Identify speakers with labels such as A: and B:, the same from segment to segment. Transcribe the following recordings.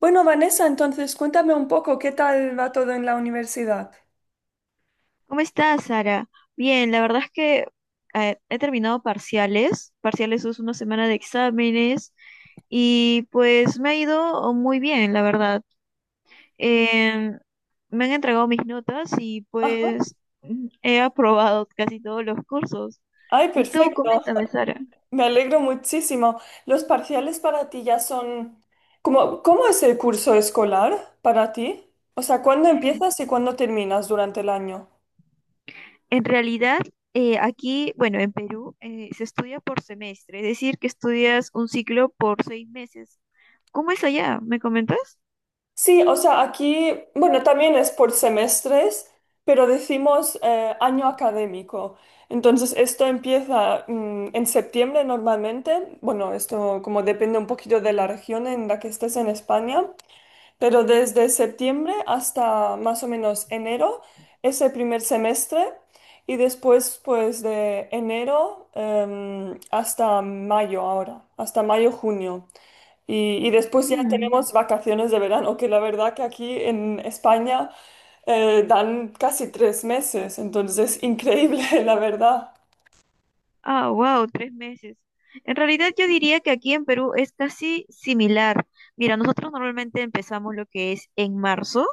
A: Bueno, Vanessa, entonces cuéntame un poco qué tal va todo en la universidad.
B: ¿Cómo estás, Sara? Bien, la verdad es que he terminado parciales. Parciales es una semana de exámenes y pues me ha ido muy bien, la verdad. Em, Me han entregado mis notas y
A: Ajá.
B: pues he aprobado casi todos los cursos.
A: Ay,
B: Y tú,
A: perfecto.
B: coméntame, Sara.
A: Me alegro muchísimo. ¿Los parciales para ti ya son... ¿Cómo es el curso escolar para ti? O sea, ¿cuándo empiezas y cuándo terminas durante el año?
B: En realidad, aquí, bueno, en Perú, se estudia por semestre, es decir, que estudias un ciclo por seis meses. ¿Cómo es allá? ¿Me comentas?
A: Sí, o sea, aquí, bueno, también es por semestres, pero decimos año académico. Entonces, esto empieza en septiembre normalmente. Bueno, esto como depende un poquito de la región en la que estés en España. Pero desde septiembre hasta más o menos enero es el primer semestre y después pues de enero hasta mayo ahora, hasta mayo, junio. Y después ya
B: Mm.
A: tenemos vacaciones de verano, que la verdad que aquí en España dan casi tres meses, entonces es increíble, la verdad.
B: Ah, wow, tres meses. En realidad yo diría que aquí en Perú es casi similar. Mira, nosotros normalmente empezamos lo que es en marzo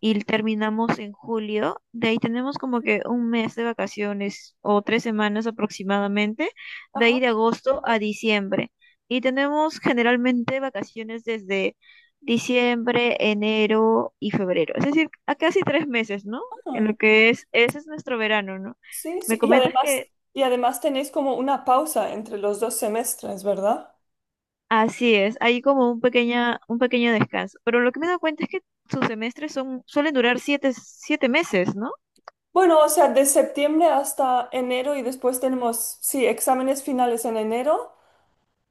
B: y terminamos en julio. De ahí tenemos como que un mes de vacaciones o tres semanas aproximadamente. De
A: Ajá,
B: ahí de agosto a diciembre. Y tenemos generalmente vacaciones desde diciembre, enero y febrero. Es decir, a casi tres meses, ¿no? En lo que es, ese es nuestro verano, ¿no?
A: sí,
B: Me
A: sí.
B: comentas que
A: Y además tenéis como una pausa entre los dos semestres, ¿verdad?
B: así es, hay como un pequeña, un pequeño descanso. Pero lo que me he dado cuenta es que sus semestres son, suelen durar siete, siete meses, ¿no?
A: Bueno, o sea, de septiembre hasta enero y después tenemos, sí, exámenes finales en enero.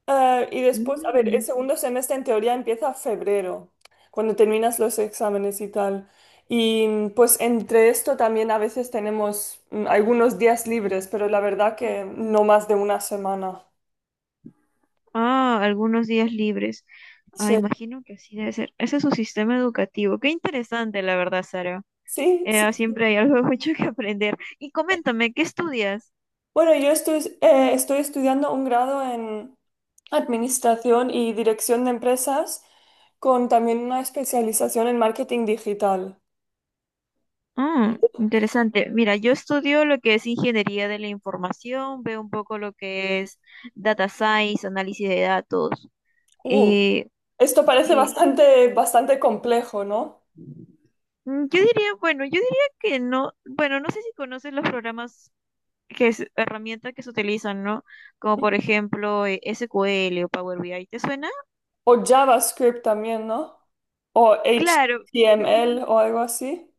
A: Y después, a ver, el
B: Mm.
A: segundo semestre en teoría empieza febrero, cuando terminas los exámenes y tal. Y pues entre esto también a veces tenemos algunos días libres, pero la verdad que no más de una semana.
B: Ah, algunos días libres. Ah,
A: Sí,
B: imagino que así debe ser. Ese es su sistema educativo. Qué interesante, la verdad, Sara.
A: sí, sí. Sí.
B: Siempre hay algo mucho que aprender. Y coméntame, ¿qué estudias?
A: Bueno, yo estoy, estoy estudiando un grado en administración y dirección de empresas, con también una especialización en marketing digital.
B: Ah, interesante. Mira, yo estudio lo que es ingeniería de la información, veo un poco lo que es data science, análisis de datos.
A: Uh,
B: Eh,
A: Esto parece
B: sí.
A: bastante complejo, ¿no?
B: Yo diría, bueno, yo diría que no, bueno, no sé si conoces los programas que es herramientas que se utilizan, ¿no? Como por ejemplo SQL o Power BI, ¿te suena?
A: ¿O JavaScript también? ¿No? ¿O
B: Claro,
A: HTML o algo así?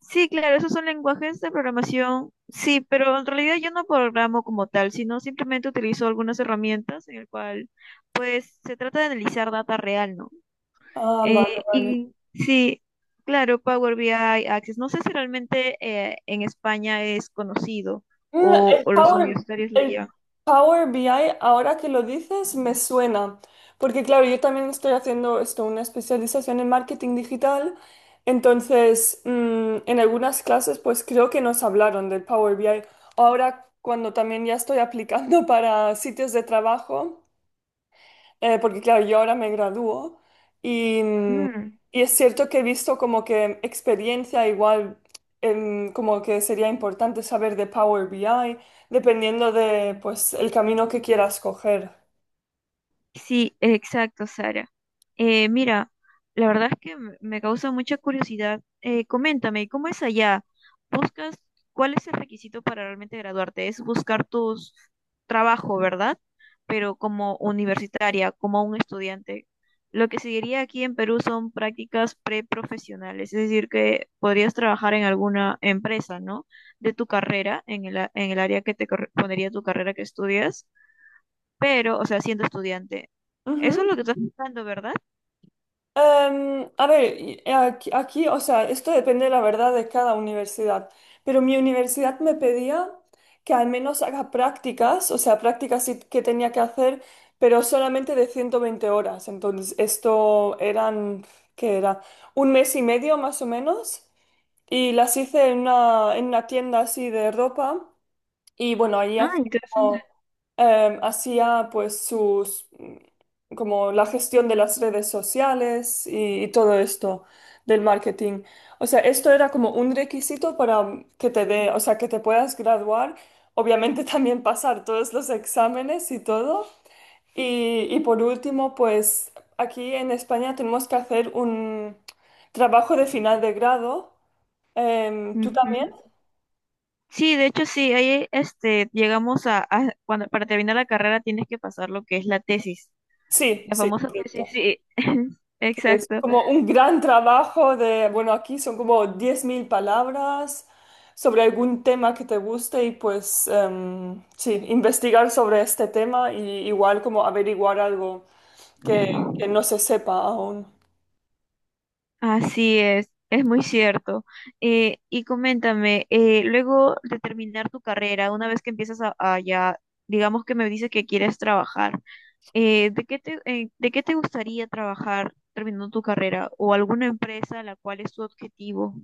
B: sí, claro, esos son lenguajes de programación, sí, pero en realidad yo no programo como tal, sino simplemente utilizo algunas herramientas en el cual, pues, se trata de analizar data real, ¿no?
A: Ah, vale, vale.
B: Y sí, claro, Power BI, Access. No sé si realmente en España es conocido
A: Mm, El
B: o los
A: Power,
B: universitarios lo
A: el
B: llevan.
A: Power BI, ahora que lo dices, me suena. Porque claro, yo también estoy haciendo esto, una especialización en marketing digital. Entonces, en algunas clases, pues creo que nos hablaron del Power BI. Ahora, cuando también ya estoy aplicando para sitios de trabajo. Porque claro, yo ahora me gradúo y,
B: Mm.
A: y es cierto que he visto como que experiencia igual, como que sería importante saber de Power BI, dependiendo de pues el camino que quieras coger.
B: Sí, exacto, Sara. Mira, la verdad es que me causa mucha curiosidad. Coméntame, ¿cómo es allá? ¿Buscas cuál es el requisito para realmente graduarte? Es buscar tu trabajo, ¿verdad? Pero como universitaria, como un estudiante. Lo que seguiría aquí en Perú son prácticas preprofesionales, es decir, que podrías trabajar en alguna empresa, ¿no? De tu carrera, en el, en el área que te correspondería tu carrera que estudias pero, o sea, siendo estudiante. Eso
A: Ujú.
B: es lo que estás buscando, ¿verdad?
A: A ver, aquí, o sea, esto depende, la verdad, de cada universidad, pero mi universidad me pedía que al menos haga prácticas, o sea, prácticas sí que tenía que hacer, pero solamente de 120 horas. Entonces, esto eran, ¿qué era? Un mes y medio más o menos, y las hice en una tienda así de ropa. Y bueno, allí
B: Ah,
A: hacía como,
B: interesante.
A: hacía pues sus, como la gestión de las redes sociales y todo esto del marketing. O sea, esto era como un requisito para que te dé, o sea, que te puedas graduar, obviamente también pasar todos los exámenes y todo. Y por último, pues aquí en España tenemos que hacer un trabajo de final de grado. Em, ¿tú también?
B: Ujú. Sí, de hecho sí, ahí este, llegamos a, cuando para terminar la carrera tienes que pasar lo que es la tesis,
A: Sí,
B: la
A: sí,
B: famosa tesis,
A: correcto.
B: sí,
A: Es
B: exacto,
A: como un gran trabajo de, bueno, aquí son como 10.000 palabras sobre algún tema que te guste y pues sí, investigar sobre este tema y igual como averiguar algo que, que no se sepa aún.
B: así es muy cierto. Y coméntame, luego de terminar tu carrera, una vez que empiezas a ya, digamos que me dices que quieres trabajar. De qué te gustaría trabajar terminando tu carrera o alguna empresa la cual es tu objetivo?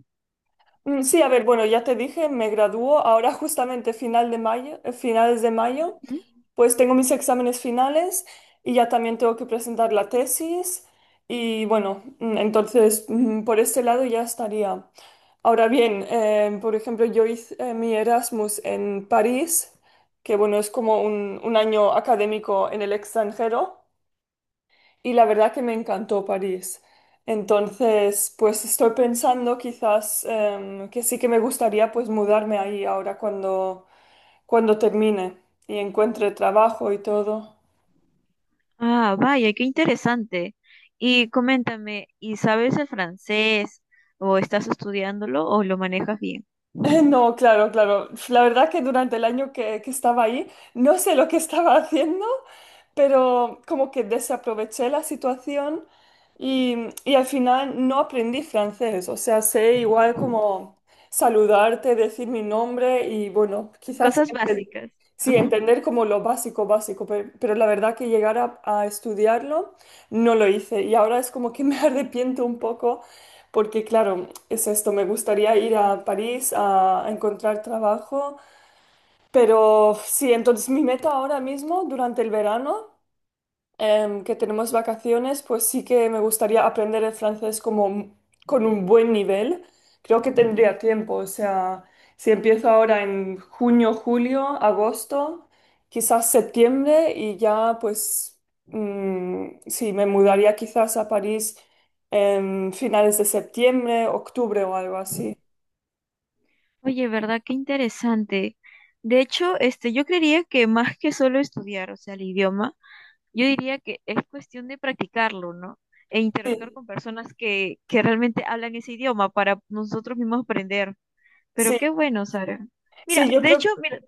A: Sí, a ver, bueno, ya te dije, me gradúo ahora justamente final de mayo, finales de mayo,
B: ¿Mm?
A: pues tengo mis exámenes finales y ya también tengo que presentar la tesis y bueno, entonces por este lado ya estaría. Ahora bien, por ejemplo, yo hice mi Erasmus en París, que bueno, es como un año académico en el extranjero y la verdad que me encantó París. Entonces, pues estoy pensando quizás que sí que me gustaría pues mudarme ahí ahora cuando, cuando termine y encuentre trabajo y todo.
B: Ah, vaya, qué interesante. Y coméntame, ¿y sabes el francés o estás estudiándolo o lo manejas bien?
A: No, claro, claro. La verdad que durante el año que estaba ahí, no sé lo que estaba haciendo, pero como que desaproveché la situación y, y al final no aprendí francés. O sea, sé igual como saludarte, decir mi nombre y bueno, quizás
B: Cosas
A: enten-
B: básicas.
A: sí,
B: Ujú.
A: entender como lo básico, básico, pe- pero, la verdad que llegar a estudiarlo no lo hice y ahora es como que me arrepiento un poco porque claro, es esto, me gustaría ir a París a encontrar trabajo, pero sí, entonces mi meta ahora mismo, durante el verano, que tenemos vacaciones, pues sí que me gustaría aprender el francés como un- con un buen nivel. Creo que tendría tiempo, o sea, si empiezo ahora en junio, julio, agosto, quizás septiembre y ya pues sí, me mudaría quizás a París en finales de septiembre, octubre o algo así.
B: Oye, ¿verdad? Qué interesante. De hecho, este, yo creería que más que solo estudiar, o sea, el idioma, yo diría que es cuestión de practicarlo, ¿no? E interactuar
A: Sí,
B: con personas que realmente hablan ese idioma para nosotros mismos aprender. Pero
A: sí,
B: qué bueno, Sara. Mira,
A: sí, yo
B: de
A: creo.
B: hecho, mira,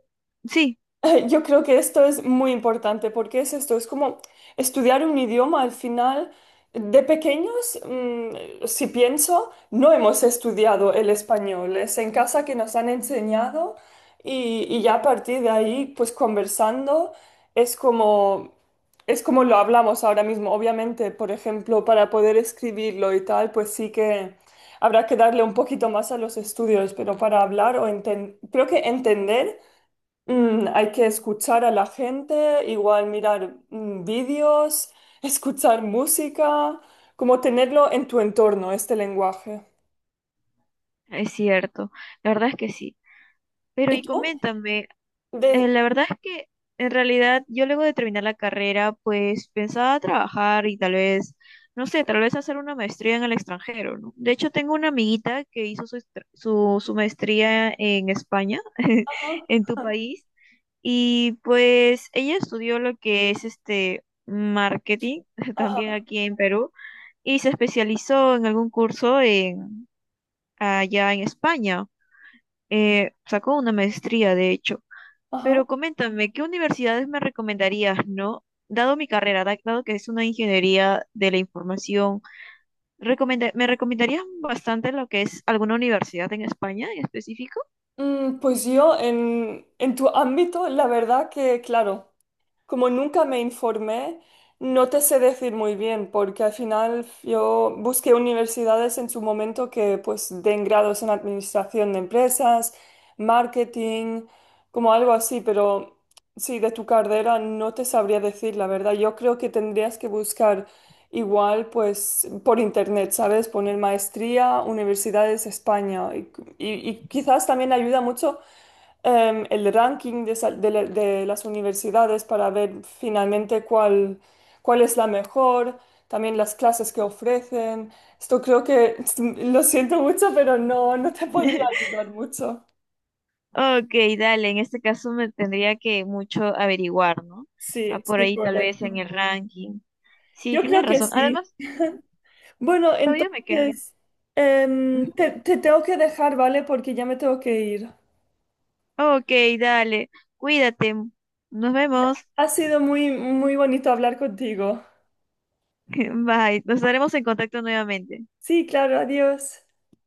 B: sí,
A: Yo creo que esto es muy importante porque es esto, es como estudiar un idioma al final. De pequeños, si pienso, no hemos estudiado el español, es en casa que nos han enseñado y ya a partir de ahí, pues conversando, es como, es como lo hablamos ahora mismo. Obviamente, por ejemplo, para poder escribirlo y tal, pues sí que habrá que darle un poquito más a los estudios, pero para hablar o enten- creo que entender. Hay que escuchar a la gente, igual mirar vídeos, escuchar música, como tenerlo en tu entorno, este lenguaje.
B: es cierto. La verdad es que sí. Pero
A: ¿Y
B: y
A: tú?
B: coméntame,
A: De...
B: la verdad es que en realidad yo luego de terminar la carrera, pues pensaba trabajar y tal vez, no sé, tal vez hacer una maestría en el extranjero, ¿no? De hecho, tengo una amiguita que hizo su, su, su maestría en España,
A: Ajá,
B: en tu país, y pues ella estudió lo que es este marketing, también
A: ajá,
B: aquí en Perú, y se especializó en algún curso en, allá en España. Sacó una maestría, de hecho. Pero
A: ajá.
B: coméntame, ¿qué universidades me recomendarías, no? Dado mi carrera, dado que es una ingeniería de la información, ¿me recomendarías bastante lo que es alguna universidad en España en específico?
A: Pues yo en tu ámbito, la verdad que, claro. Como nunca me informé, no te sé decir muy bien, porque al final yo busqué universidades en su momento que pues den grados en administración de empresas, marketing, como algo así, pero sí, de tu carrera no te sabría decir la verdad. Yo creo que tendrías que buscar igual pues por internet, ¿sabes? Poner maestría, universidades España y, y quizás también ayuda mucho el ranking de, sal- de la- de las universidades para ver finalmente cuál, cuál es la mejor, también las clases que ofrecen. Esto creo que, lo siento mucho, pero no, no te podría ayudar mucho.
B: Ok, dale, en este caso me tendría que mucho averiguar, ¿no?
A: Sí,
B: Ah, por
A: sí,
B: ahí tal vez en
A: correcto.
B: el ranking. Sí,
A: Yo
B: tienes
A: creo que
B: razón.
A: sí.
B: Además, ujú,
A: Bueno,
B: todavía me queda.
A: entonces,
B: Ujú.
A: te, te tengo que dejar, ¿vale? Porque ya me tengo que ir.
B: Ok, dale, cuídate. Nos vemos.
A: Ha sido muy, muy bonito hablar contigo.
B: Bye, nos estaremos en contacto nuevamente.
A: Sí, claro, adiós.